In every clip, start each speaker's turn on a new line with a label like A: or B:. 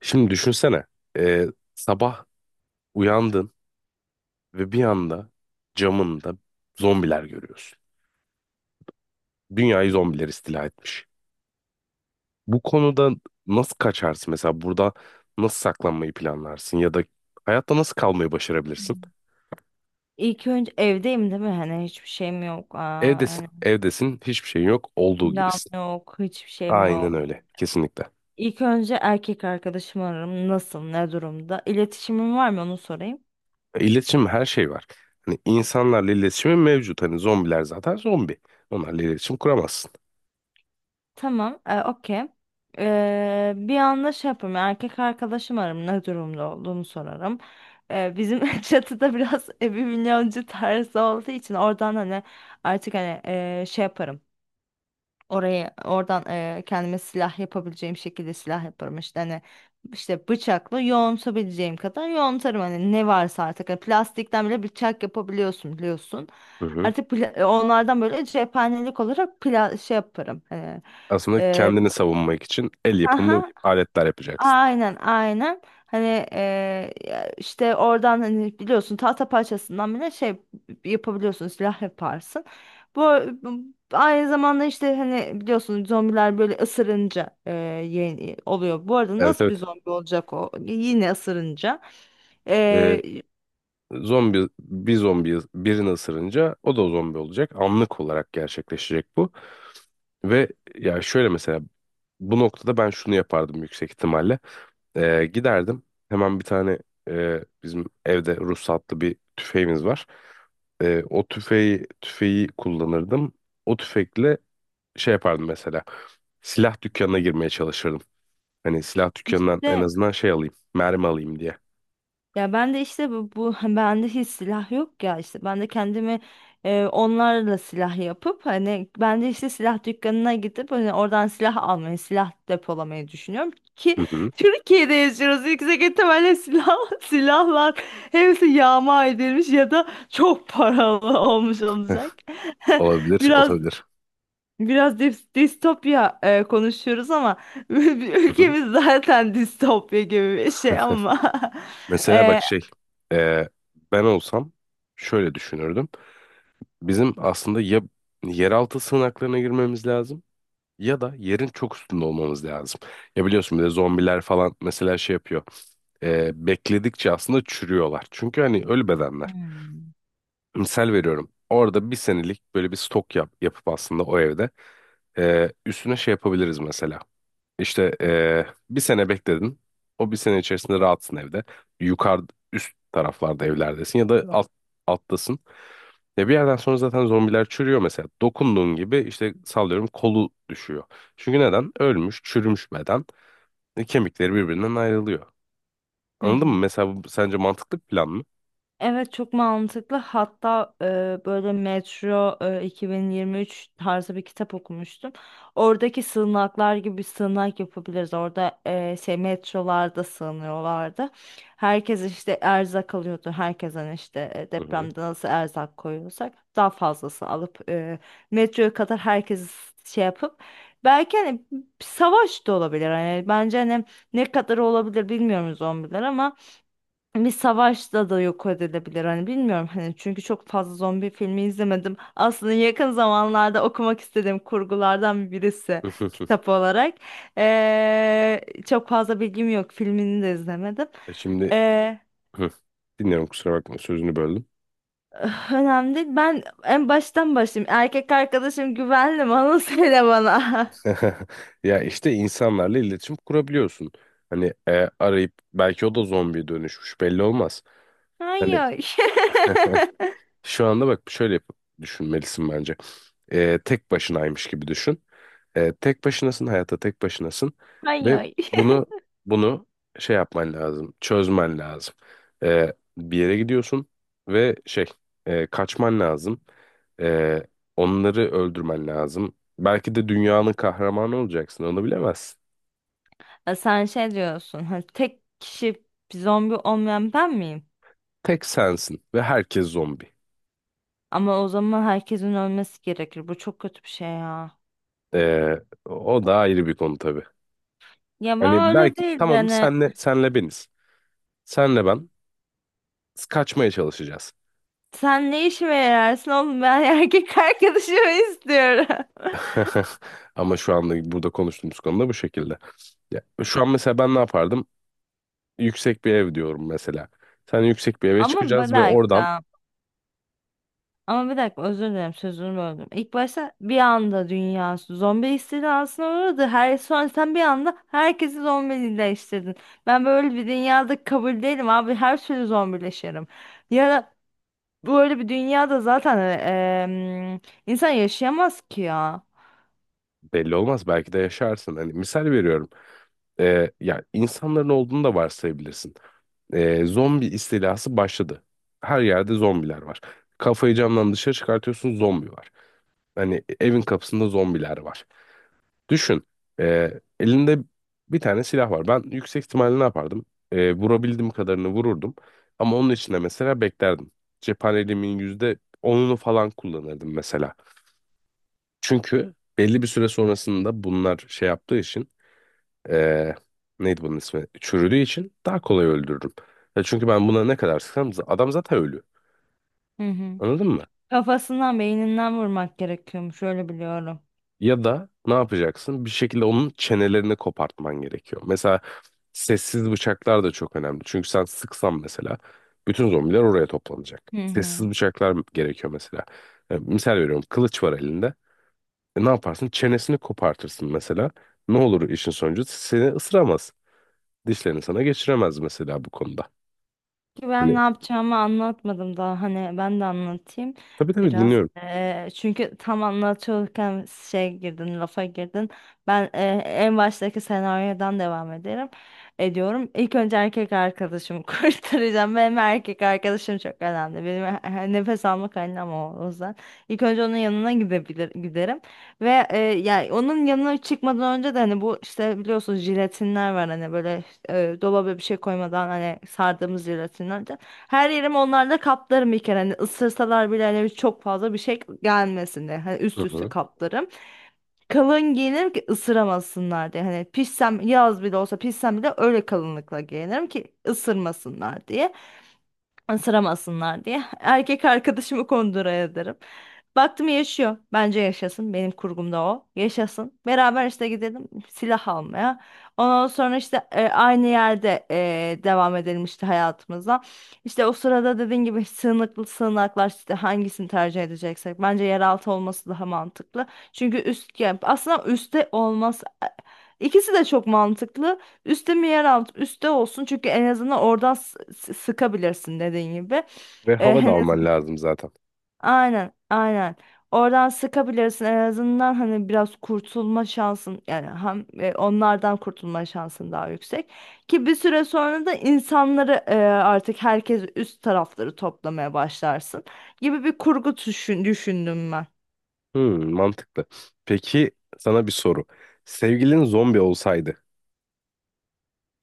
A: Şimdi düşünsene. e, Sabah uyandın ve bir anda camında zombiler görüyorsun. Dünyayı zombiler istila etmiş. Bu konuda nasıl kaçarsın? Mesela burada nasıl saklanmayı planlarsın? Ya da hayatta nasıl kalmayı başarabilirsin?
B: İlk önce evdeyim, değil mi? Hani hiçbir şeyim yok.
A: Evdesin,
B: Hani
A: evdesin, hiçbir şeyin yok, olduğu
B: silahım
A: gibisin.
B: yok, hiçbir şeyim
A: Aynen
B: yok.
A: öyle, kesinlikle.
B: İlk önce erkek arkadaşımı ararım. Nasıl, ne durumda? İletişimim var mı, onu sorayım.
A: İletişim her şey var. Hani insanlarla iletişimin mevcut. Hani zombiler zaten zombi. Onlarla iletişim kuramazsın.
B: Tamam, okey. Bir anda şey yaparım. Erkek arkadaşım ararım. Ne durumda olduğumu sorarım. Bizim çatıda biraz evi milyoncu tarzı olduğu için oradan hani artık hani şey yaparım. Oradan kendime silah yapabileceğim şekilde silah yaparım işte hani işte bıçakla yoğuntabileceğim kadar yoğuntarım hani ne varsa artık. Hani plastikten bile bıçak yapabiliyorsun, biliyorsun.
A: Hı hı.
B: Artık onlardan böyle cephanelik olarak pla şey yaparım.
A: Aslında
B: Eee,
A: kendini savunmak için el yapımı
B: aha,
A: aletler yapacaksın.
B: Aynen aynen, hani, ya işte oradan hani biliyorsun tahta parçasından bile şey yapabiliyorsun, silah yaparsın. Bu bu- Aynı zamanda işte hani biliyorsun zombiler böyle ısırınca yeni oluyor. Bu arada
A: Evet,
B: nasıl bir
A: evet.
B: zombi olacak o? Yine ısırınca.
A: Ee,
B: Eee
A: Zombi bir zombi birini ısırınca o da zombi olacak. Anlık olarak gerçekleşecek bu. Ve ya şöyle mesela bu noktada ben şunu yapardım yüksek ihtimalle. Giderdim hemen bir tane bizim evde ruhsatlı bir tüfeğimiz var. O tüfeği kullanırdım. O tüfekle şey yapardım mesela. Silah dükkanına girmeye çalışırdım. Hani silah dükkanından en
B: işte
A: azından şey alayım. Mermi alayım diye.
B: ya ben de işte bu bende hiç silah yok ya, işte ben de kendimi onlarla silah yapıp hani ben de işte silah dükkanına gidip hani oradan silah almayı, silah depolamayı düşünüyorum ki
A: Hı hı.
B: Türkiye'de yaşıyoruz, yüksek ihtimalle silah silahlar hepsi yağma edilmiş ya da çok paralı olmuş
A: Heh,
B: olacak.
A: olabilir,
B: biraz
A: olabilir.
B: biraz distopya konuşuyoruz ama
A: Hı hı.
B: ülkemiz zaten distopya gibi bir şey ama.
A: Mesela
B: e,
A: bak şey, e, ben olsam şöyle düşünürdüm. Bizim aslında ya yeraltı sığınaklarına girmemiz lazım ya da yerin çok üstünde olmamız lazım. Ya biliyorsun bir de zombiler falan mesela şey yapıyor. Bekledikçe aslında çürüyorlar. Çünkü hani ölü bedenler. Misal veriyorum. Orada bir senelik böyle bir stok yapıp aslında o evde üstüne şey yapabiliriz mesela. İşte bir sene bekledin. O bir sene içerisinde rahatsın evde. Yukarı üst taraflarda evlerdesin ya da alttasın. Ya bir yerden sonra zaten zombiler çürüyor mesela. Dokunduğun gibi işte sallıyorum kolu düşüyor. Çünkü neden? Ölmüş, çürümüş beden. Kemikleri birbirinden ayrılıyor.
B: Hı
A: Anladın mı?
B: hı.
A: Mesela bu sence mantıklı bir plan mı?
B: Evet, çok mantıklı. Hatta böyle Metro 2023 tarzı bir kitap okumuştum. Oradaki sığınaklar gibi bir sığınak yapabiliriz. Orada şey, metrolarda sığınıyorlardı. Herkes işte erzak alıyordu. Herkesten işte
A: Hı hı.
B: depremde nasıl erzak koyuyorsak daha fazlası alıp, metroya kadar herkesi şey yapıp, belki hani savaş da olabilir. Hani bence hani ne kadar olabilir bilmiyoruz zombiler ama bir savaşta da yok edilebilir hani, bilmiyorum hani, çünkü çok fazla zombi filmi izlemedim. Aslında yakın zamanlarda okumak istediğim kurgulardan birisi, kitap olarak. Ee, Çok fazla bilgim yok, filmini de izlemedim.
A: E Şimdi
B: Ee,
A: hı. Dinliyorum, kusura bakma sözünü böldüm.
B: Önemli değil. Ben en baştan başlayayım. Erkek arkadaşım güvenli mi? Onu söyle bana.
A: Ya işte insanlarla iletişim kurabiliyorsun. Hani arayıp belki o da zombiye dönüşmüş, belli olmaz. Hani
B: Hayır.
A: şu anda bak düşünmelisin bence. Tek başınaymış gibi düşün. Tek başınasın, hayatta tek başınasın ve
B: Hayır.
A: bunu bunu şey yapman lazım, çözmen lazım. Bir yere gidiyorsun ve şey kaçman lazım. Ee, Onları öldürmen lazım. Belki de dünyanın kahramanı olacaksın, onu bilemezsin.
B: Ha, sen şey diyorsun, hani tek kişi zombi olmayan ben miyim?
A: Tek sensin ve herkes zombi.
B: Ama o zaman herkesin ölmesi gerekir. Bu çok kötü bir şey ya.
A: Ee, O da ayrı bir konu tabii.
B: Ya ben
A: Hani
B: öyle
A: belki
B: değil de
A: tamam
B: hani
A: senle beniz. Senle ben kaçmaya çalışacağız.
B: sen ne işime yararsın oğlum, ben erkek arkadaşımı istiyorum.
A: Ama şu anda burada konuştuğumuz konuda bu şekilde. Ya, şu an mesela ben ne yapardım? Yüksek bir ev diyorum mesela. Sen yüksek bir eve
B: Ama bir
A: çıkacağız ve oradan
B: dakika. Ama bir dakika, özür dilerim sözünü böldüm. İlk başta bir anda dünya zombi istilasına uğradı. Her, sonra sen bir anda herkesi zombileştirdin. Ben böyle bir dünyada kabul değilim abi. Her türlü zombileşirim. Ya da böyle bir dünyada zaten em, insan yaşayamaz ki ya.
A: belli olmaz, belki de yaşarsın. Hani misal veriyorum. Ya insanların olduğunu da varsayabilirsin. Zombi istilası başladı. Her yerde zombiler var. Kafayı camdan dışarı çıkartıyorsun, zombi var. Hani evin kapısında zombiler var. Düşün. e, Elinde bir tane silah var. Ben yüksek ihtimalle ne yapardım? Vurabildiğim kadarını vururdum. Ama onun içinde mesela beklerdim. Cephaneliğimin yüzde onunu falan kullanırdım mesela. Çünkü belli bir süre sonrasında bunlar şey yaptığı için e, neydi bunun ismi? Çürüdüğü için daha kolay öldürürüm. Ya çünkü ben buna ne kadar sıksam adam zaten ölü.
B: Hı hı.
A: Anladın mı?
B: Kafasından, beyninden vurmak gerekiyormuş, öyle biliyorum.
A: Ya da ne yapacaksın? Bir şekilde onun çenelerini kopartman gerekiyor. Mesela sessiz bıçaklar da çok önemli. Çünkü sen sıksan mesela bütün zombiler oraya toplanacak.
B: Hı hı.
A: Sessiz bıçaklar gerekiyor mesela. Misal veriyorum, kılıç var elinde. Ne yaparsın? Çenesini kopartırsın mesela. Ne olur işin sonucu? Seni ısıramaz. Dişlerini sana geçiremez mesela bu konuda.
B: Ki ben
A: Hani
B: ne yapacağımı anlatmadım daha, hani ben de anlatayım
A: tabii, tabii,
B: biraz.
A: dinliyorum.
B: Çünkü tam anlatıyorken şey girdin, lafa girdin. Ben en baştaki senaryodan devam ederim. Ediyorum. İlk önce erkek arkadaşımı kurtaracağım. Benim erkek arkadaşım çok önemli. Benim nefes alma kaynağım o, o yüzden. İlk önce onun yanına giderim. Ve yani onun yanına çıkmadan önce de hani bu işte biliyorsunuz jelatinler var hani böyle dolaba bir şey koymadan hani sardığımız jelatinler de. Her yerimi onlarla kaplarım bir kere, hani ısırsalar bile hani çok fazla bir şey gelmesin diye hani
A: Hı
B: üst üste
A: hı.
B: kaplarım. Kalın giyinirim ki ısıramasınlar diye, hani pişsem, yaz bile olsa pişsem bile öyle kalınlıkla giyinirim ki ısırmasınlar diye ısıramasınlar diye. Erkek arkadaşımı kondura ederim. Baktım yaşıyor. Bence yaşasın. Benim kurgumda o. Yaşasın. Beraber işte gidelim silah almaya. Ondan sonra işte aynı yerde devam edelim işte hayatımıza. İşte o sırada dediğin gibi sığınaklar, işte hangisini tercih edeceksek. Bence yeraltı olması daha mantıklı. Çünkü üst, yani aslında üstte olmaz. İkisi de çok mantıklı. Üste mi, yer alt? Üste olsun, çünkü en azından oradan sıkabilirsin dediğin gibi.
A: Ve hava da
B: Hani,
A: alman lazım zaten.
B: aynen aynen. Oradan sıkabilirsin en azından, hani biraz kurtulma şansın, yani hem onlardan kurtulma şansın daha yüksek. Ki bir süre sonra da insanları artık herkes üst tarafları toplamaya başlarsın gibi bir kurgu düşündüm ben.
A: Hmm, mantıklı. Peki sana bir soru. Sevgilin zombi olsaydı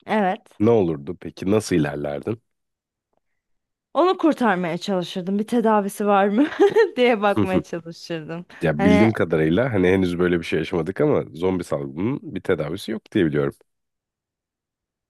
B: Evet.
A: ne olurdu peki? Nasıl ilerlerdin?
B: Onu kurtarmaya çalışırdım. Bir tedavisi var mı diye
A: Hı hı.
B: bakmaya çalışırdım.
A: Ya bildiğim
B: Hani
A: kadarıyla hani henüz böyle bir şey yaşamadık ama zombi salgının bir tedavisi yok diye biliyorum.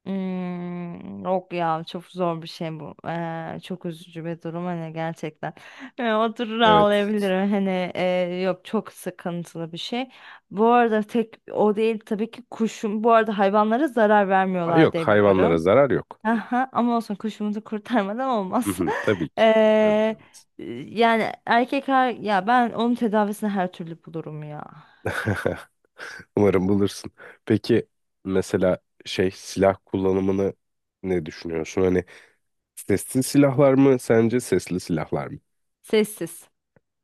B: hmm, yok ya, çok zor bir şey bu. Çok üzücü bir durum hani, gerçekten. Oturur
A: Evet.
B: ağlayabilirim. Hani yok, çok sıkıntılı bir şey. Bu arada tek o değil tabii ki, kuşum. Bu arada hayvanlara zarar
A: Aa,
B: vermiyorlar
A: yok,
B: diye
A: hayvanlara
B: biliyorum.
A: zarar yok.
B: Aha, ama olsun, kuşumuzu kurtarmadan
A: Hı
B: olmaz.
A: hı, tabii ki. Tabii ki
B: Ee,
A: olmaz.
B: Yani ya ben onun tedavisini her türlü bulurum ya.
A: Umarım bulursun. Peki mesela şey silah kullanımını ne düşünüyorsun? Hani sessiz silahlar mı sence, sesli silahlar mı?
B: Sessiz.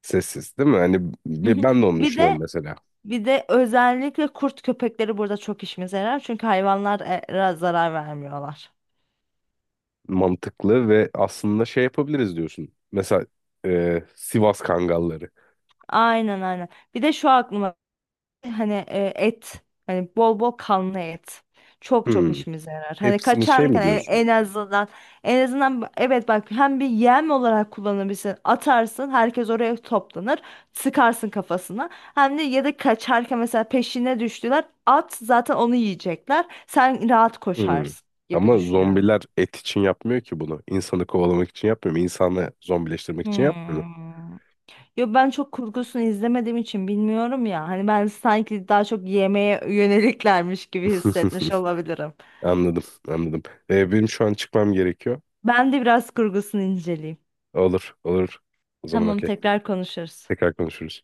A: Sessiz, değil mi? Hani ben de onu
B: Bir
A: düşünüyorum
B: de
A: mesela.
B: Bir de özellikle kurt köpekleri burada çok işimize yarar. Çünkü hayvanlara zarar vermiyorlar.
A: Mantıklı, ve aslında şey yapabiliriz diyorsun. Mesela Sivas Kangalları.
B: Aynen aynen. Bir de şu aklıma, hani et. Hani bol bol kanlı et. Çok çok
A: Hmm.
B: işimize yarar. Hani
A: Hepsini şey mi
B: kaçarken
A: diyorsun?
B: en azından en azından evet bak, hem bir yem olarak kullanabilirsin. Atarsın, herkes oraya toplanır. Sıkarsın kafasına. Hem de, ya da kaçarken mesela peşine düştüler. At, zaten onu yiyecekler. Sen rahat
A: Hmm.
B: koşarsın gibi
A: Ama
B: düşünüyorum.
A: zombiler et için yapmıyor ki bunu. İnsanı kovalamak için yapmıyor mu? İnsanı zombileştirmek için yapmıyor mu?
B: Hmm. Yo, ben çok kurgusunu izlemediğim için bilmiyorum ya. Hani ben sanki daha çok yemeğe yöneliklermiş gibi hissetmiş olabilirim.
A: Anladım, anladım. Benim şu an çıkmam gerekiyor.
B: Ben de biraz kurgusunu inceleyeyim.
A: Olur, olur. O zaman
B: Tamam,
A: okey.
B: tekrar konuşuruz.
A: Tekrar konuşuruz.